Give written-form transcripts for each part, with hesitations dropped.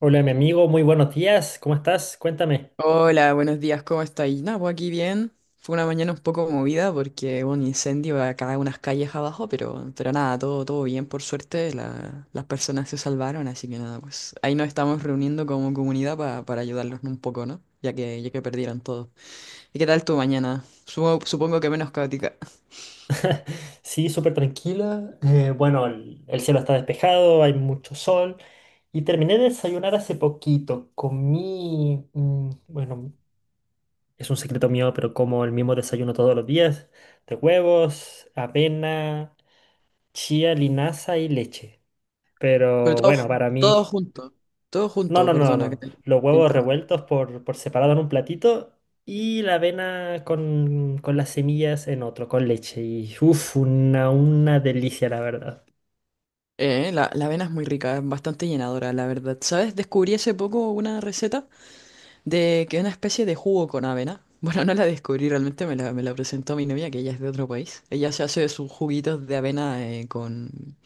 Hola, mi amigo, muy buenos días, ¿cómo estás? Cuéntame. Hola, buenos días, ¿cómo estáis? Nada, pues aquí bien. Fue una mañana un poco movida porque hubo un incendio acá unas calles abajo, pero nada, todo bien, por suerte. Las personas se salvaron, así que nada, pues ahí nos estamos reuniendo como comunidad para ayudarlos un poco, ¿no? Ya que perdieron todo. ¿Y qué tal tu mañana? Supongo que menos caótica. Sí, súper tranquila. Bueno, el cielo está despejado, hay mucho sol. Y terminé de desayunar hace poquito. Comí, mm, bueno, es un secreto mío, pero como el mismo desayuno todos los días, de huevos, avena, chía, linaza y leche. Pero Pero todo, bueno, para todo mí. junto, todo No, junto, no, no, perdona que no. Los te huevos interrumpa. revueltos por separado en un platito y la avena con las semillas en otro, con leche. Y uff, una delicia, la verdad. La avena es muy rica, es bastante llenadora, la verdad. ¿Sabes? Descubrí hace poco una receta. De que una especie de jugo con avena. Bueno, no la descubrí realmente, me la presentó mi novia, que ella es de otro país. Ella se hace sus juguitos de avena con...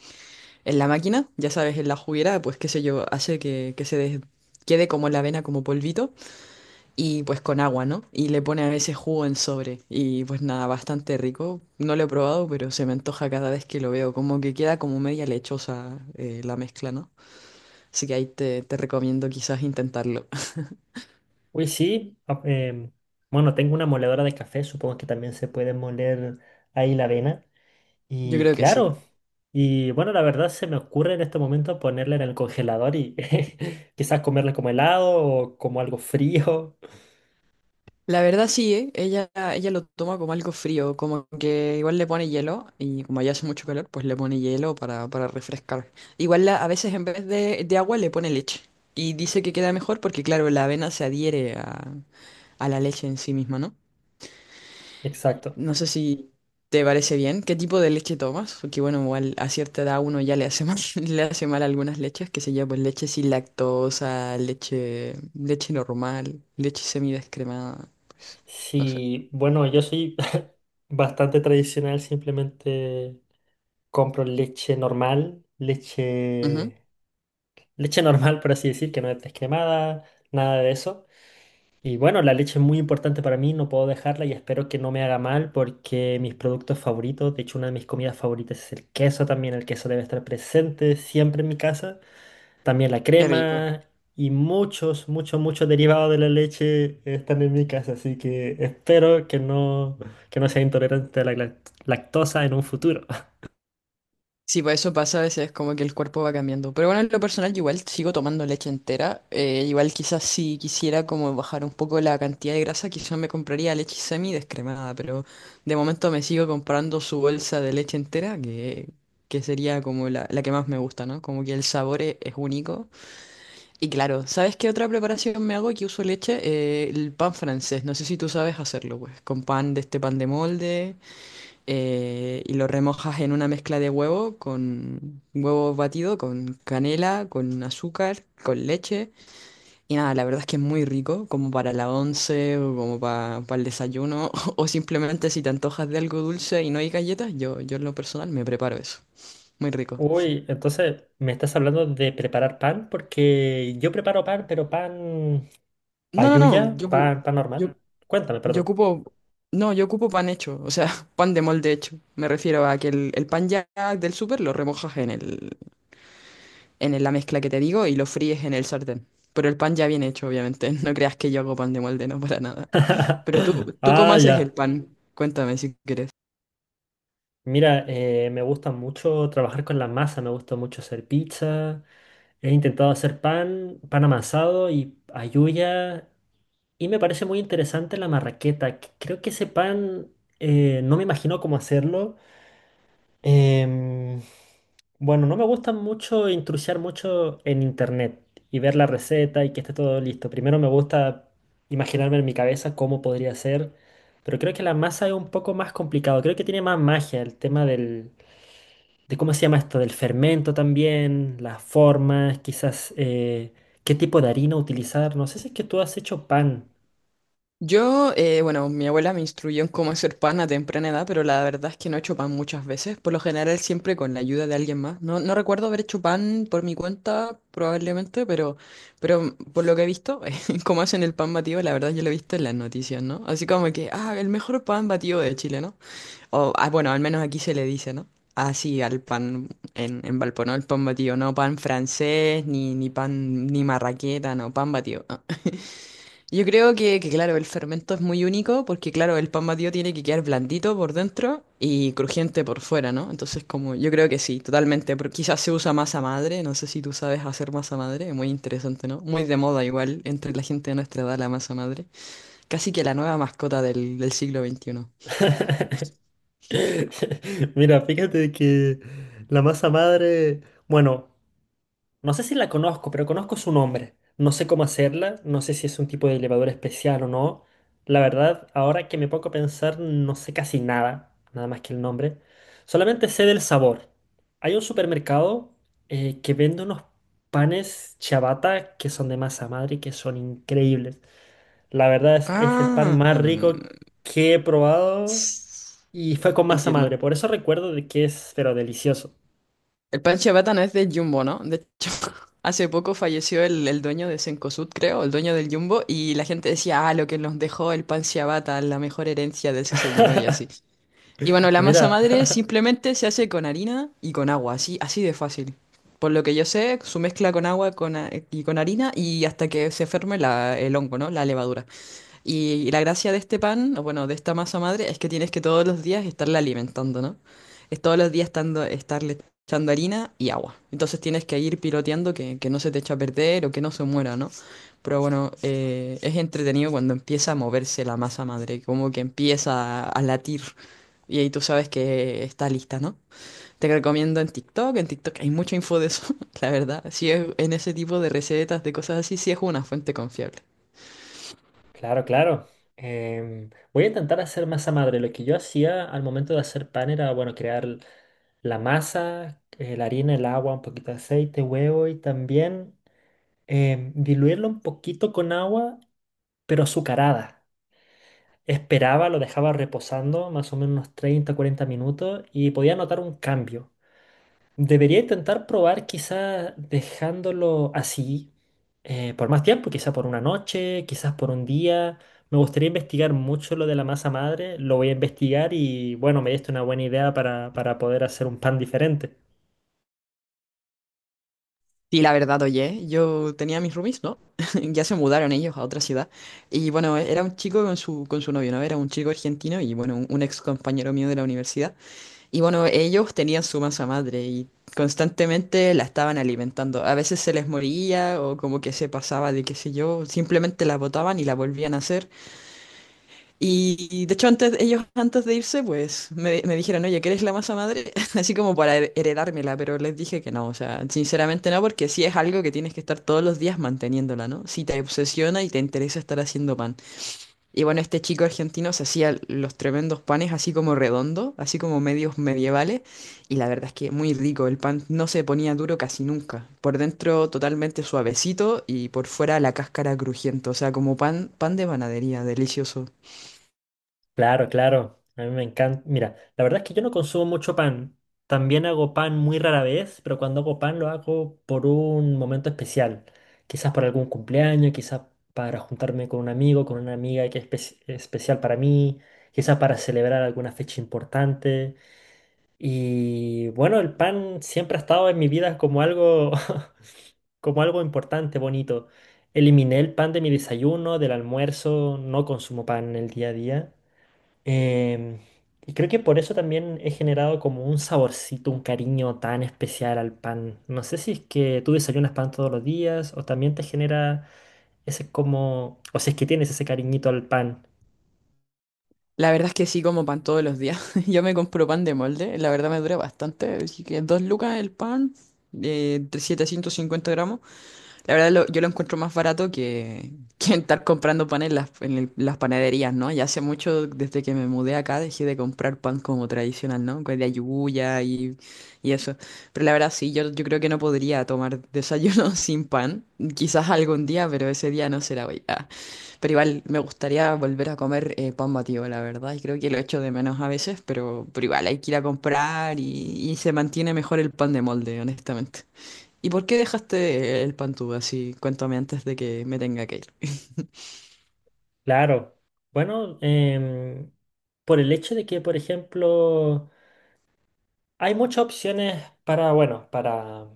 en la máquina, ya sabes, en la juguera, pues qué sé yo, hace que se quede como la avena, como polvito, y pues con agua, ¿no? Y le pone a veces jugo en sobre. Y pues nada, bastante rico. No lo he probado, pero se me antoja cada vez que lo veo. Como que queda como media lechosa la mezcla, ¿no? Así que ahí te recomiendo quizás intentarlo. Uy, sí. Bueno, tengo una moledora de café, supongo que también se puede moler ahí la avena. Yo Y creo que sí. claro. Y bueno, la verdad se me ocurre en este momento ponerla en el congelador y quizás comerla como helado o como algo frío. La verdad sí, ¿eh? Ella lo toma como algo frío, como que igual le pone hielo y como ya hace mucho calor, pues le pone hielo para refrescar. Igual a veces en vez de agua le pone leche y dice que queda mejor porque claro, la avena se adhiere a la leche en sí misma, ¿no? Exacto. No sé si te parece bien, ¿qué tipo de leche tomas? Porque bueno, igual a cierta edad uno ya le hace mal, le hace mal algunas leches, que se llaman pues leche sin lactosa, leche normal, leche semidescremada, pues no sé. Sí, bueno, yo soy bastante tradicional, simplemente compro leche normal, Ujú. Leche normal, por así decir, que no es descremada, nada de eso. Y bueno, la leche es muy importante para mí, no puedo dejarla y espero que no me haga mal porque mis productos favoritos, de hecho una de mis comidas favoritas es el queso también, el queso debe estar presente siempre en mi casa. También la Qué rico. crema y muchos, muchos, muchos derivados de la leche están en mi casa, así que espero que no sea intolerante a la glac- lactosa en un futuro. Sí, pues eso pasa a veces, como que el cuerpo va cambiando. Pero bueno, en lo personal, yo igual sigo tomando leche entera. Igual quizás si quisiera como bajar un poco la cantidad de grasa, quizás me compraría leche semi descremada, pero de momento me sigo comprando su bolsa de leche entera, que sería como la que más me gusta, ¿no? Como que el sabor es único. Y claro, ¿sabes qué otra preparación me hago que uso leche? El pan francés. No sé si tú sabes hacerlo, pues, con pan de este pan de molde. Y lo remojas en una mezcla de huevo con huevo batido, con canela, con azúcar, con leche. Y nada, la verdad es que es muy rico, como para la once o como para el desayuno, o simplemente si te antojas de algo dulce y no hay galletas, yo en lo personal me preparo eso. Muy rico. Uy, entonces me estás hablando de preparar pan, porque yo preparo pan, pero pan No, no, no, ayuya, pan, pan normal. yo, Cuéntame, yo perdón. ocupo... No, yo ocupo pan hecho, o sea, pan de molde hecho. Me refiero a que el pan ya del súper lo remojas en en la mezcla que te digo y lo fríes en el sartén. Pero el pan ya bien hecho, obviamente. No creas que yo hago pan de molde, no para nada. Pero tú, ¿tú cómo Ah, haces el ya. pan? Cuéntame si quieres. Mira, me gusta mucho trabajar con la masa, me gusta mucho hacer pizza. He intentado hacer pan, pan amasado y ayuya. Y me parece muy interesante la marraqueta. Que Creo que ese pan, no me imagino cómo hacerlo. Em, bueno, no me gusta mucho intrusiar mucho en internet y ver la receta y que esté todo listo. Primero me gusta imaginarme en mi cabeza cómo podría ser, pero creo que la masa es un poco más complicado. Creo que tiene más magia el tema del, de cómo se llama esto, del fermento también, las formas, quizás qué tipo de harina utilizar. No sé si es que tú has hecho pan. Yo, bueno, mi abuela me instruyó en cómo hacer pan a temprana edad, pero la verdad es que no he hecho pan muchas veces, por lo general siempre con la ayuda de alguien más. No recuerdo haber hecho pan por mi cuenta, probablemente, pero por lo que he visto, cómo hacen el pan batido, la verdad yo lo he visto en las noticias, ¿no? Así como que, ah, el mejor pan batido de Chile, ¿no? O, ah, bueno, al menos aquí se le dice, ¿no? Así al pan en Valpo, ¿no? El pan batido, no pan francés, ni pan, ni marraqueta, no, pan batido. Ah. Yo creo que, claro, el fermento es muy único porque, claro, el pan batido tiene que quedar blandito por dentro y crujiente por fuera, ¿no? Entonces, como, yo creo que sí, totalmente, pero quizás se usa masa madre, no sé si tú sabes hacer masa madre, muy interesante, ¿no? Muy de moda igual entre la gente de nuestra edad la masa madre, casi que la nueva mascota del siglo veintiuno. Mira, fíjate que la masa madre, bueno, no sé si la conozco, pero conozco su nombre. No sé cómo hacerla, no sé si es un tipo de elevador especial o no. La verdad, ahora que me pongo a pensar, no sé casi nada, nada más que el nombre. Solamente sé del sabor. Hay un supermercado que vende unos panes ciabatta que son de masa madre y que son increíbles. La verdad es el pan Ah. más rico que he probado y fue con masa Entiendo. madre, por eso recuerdo de que es, pero delicioso. El pan ciabatta no es de Jumbo, ¿no? De hecho, hace poco falleció el dueño de Cencosud, creo, el dueño del Jumbo, y la gente decía, ah, lo que nos dejó el pan ciabatta, la mejor herencia de su señor y así. Y bueno, la masa Mira, madre simplemente se hace con harina y con agua, así, así de fácil. Por lo que yo sé, su mezcla con agua con, y con harina y hasta que se ferme el hongo, ¿no? La levadura. Y la gracia de este pan, o bueno, de esta masa madre, es que tienes que todos los días estarla alimentando, ¿no? Es todos los días estando, estarle echando harina y agua. Entonces tienes que ir piloteando que no se te eche a perder o que no se muera, ¿no? Pero bueno, es entretenido cuando empieza a moverse la masa madre, como que empieza a latir. Y ahí tú sabes que está lista, ¿no? Te recomiendo en TikTok hay mucha info de eso, la verdad. Si es en ese tipo de recetas, de cosas así, sí es una fuente confiable. claro, claro. Voy a intentar hacer masa madre. Lo que yo hacía al momento de hacer pan era, bueno, crear la masa, la harina, el agua, un poquito de aceite, huevo y también diluirlo un poquito con agua, pero azucarada. Esperaba, lo dejaba reposando más o menos unos 30, 40 minutos y podía notar un cambio. Debería intentar probar quizás dejándolo así por más tiempo, quizás por una noche, quizás por un día. Me gustaría investigar mucho lo de la masa madre, lo voy a investigar y bueno, me diste una buena idea para poder hacer un pan diferente. Sí, la verdad, oye, yo tenía mis roomies, ¿no? Ya se mudaron ellos a otra ciudad. Y bueno, era un chico con su novio, ¿no? Era un chico argentino y bueno, un ex compañero mío de la universidad. Y bueno, ellos tenían su masa madre y constantemente la estaban alimentando. A veces se les moría o como que se pasaba de qué sé yo, simplemente la botaban y la volvían a hacer. Y de hecho antes, ellos antes de irse, pues me dijeron, oye, ¿quieres la masa madre? Así como para heredármela, pero les dije que no, o sea, sinceramente no, porque sí es algo que tienes que estar todos los días manteniéndola, ¿no? Si te obsesiona y te interesa estar haciendo pan. Y bueno, este chico argentino se hacía los tremendos panes así como redondo, así como medios medievales, y la verdad es que muy rico, el pan no se ponía duro casi nunca. Por dentro totalmente suavecito y por fuera la cáscara crujiente, o sea, como pan, pan de panadería, delicioso. Claro, claro. A mí me encanta. Mira, la verdad es que yo no consumo mucho pan. También hago pan muy rara vez, pero cuando hago pan lo hago por un momento especial. Quizás por algún cumpleaños, quizás para juntarme con un amigo, con una amiga que es espe- especial para mí, quizás para celebrar alguna fecha importante. Y bueno, el pan siempre ha estado en mi vida como algo, como algo importante, bonito. Eliminé el pan de mi desayuno, del almuerzo, no consumo pan en el día a día. Em, y creo que por eso también he generado como un saborcito, un cariño tan especial al pan. No sé si es que tú desayunas pan todos los días o también te genera ese como, o si es que tienes ese cariñito al pan. La verdad es que sí como pan todos los días. Yo me compro pan de molde, la verdad me dura bastante. Así que dos lucas el pan, 750 gramos. La verdad, yo lo encuentro más barato que estar comprando pan en las panaderías, ¿no? Ya hace mucho, desde que me mudé acá, dejé de comprar pan como tradicional, ¿no? Con la yuya y eso. Pero la verdad, sí, yo creo que no podría tomar desayuno sin pan. Quizás algún día, pero ese día no será hoy. Ah. Pero igual, me gustaría volver a comer pan batido, la verdad. Y creo que lo echo de menos a veces, pero igual, hay que ir a comprar y se mantiene mejor el pan de molde, honestamente. ¿Y por qué dejaste el Pantú así? Cuéntame antes de que me tenga que ir. Claro. Bueno, por el hecho de que, por ejemplo, hay muchas opciones para, bueno, para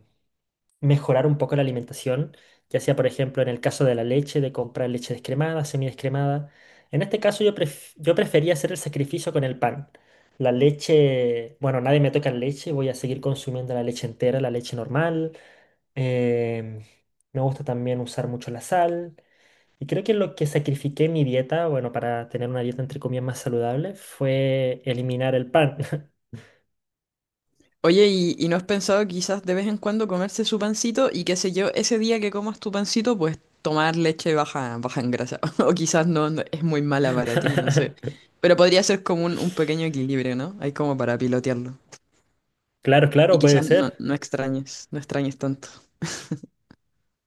mejorar un poco la alimentación, ya sea, por ejemplo, en el caso de la leche, de comprar leche descremada, semidescremada. En este caso yo, pref- yo prefería hacer el sacrificio con el pan. La leche, bueno, nadie me toca la leche, voy a seguir consumiendo la leche entera, la leche normal. Em, Me gusta también usar mucho la sal. Y creo que lo que sacrifiqué en mi dieta, bueno, para tener una dieta entre comillas más saludable, fue eliminar el pan. Oye, ¿y no has pensado quizás de vez en cuando comerse su pancito y qué sé yo, ese día que comas tu pancito, pues tomar leche baja, baja en grasa? O quizás no, es muy mala para ti, no sé. Pero podría ser como un pequeño equilibrio, ¿no? Hay como para pilotearlo. Claro, claro, Y puede quizás no, ser. No extrañes tanto.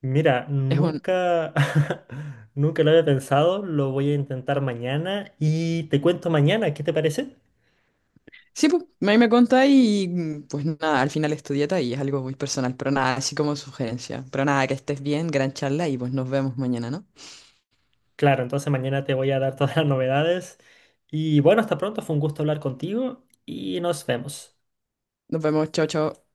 Mira, Es un, nunca, nunca lo había pensado, lo voy a intentar mañana y te cuento mañana, ¿qué te parece? Sí, pues, ahí me contás y mm, pues nada, al final es tu dieta y es algo muy personal, pero nada, así como sugerencia. Pero nada, que estés bien, gran charla y pues nos vemos mañana, ¿no? Claro, entonces mañana te voy a dar todas las novedades y bueno, hasta pronto, fue un gusto hablar contigo y nos vemos. Nos vemos, chao, chao.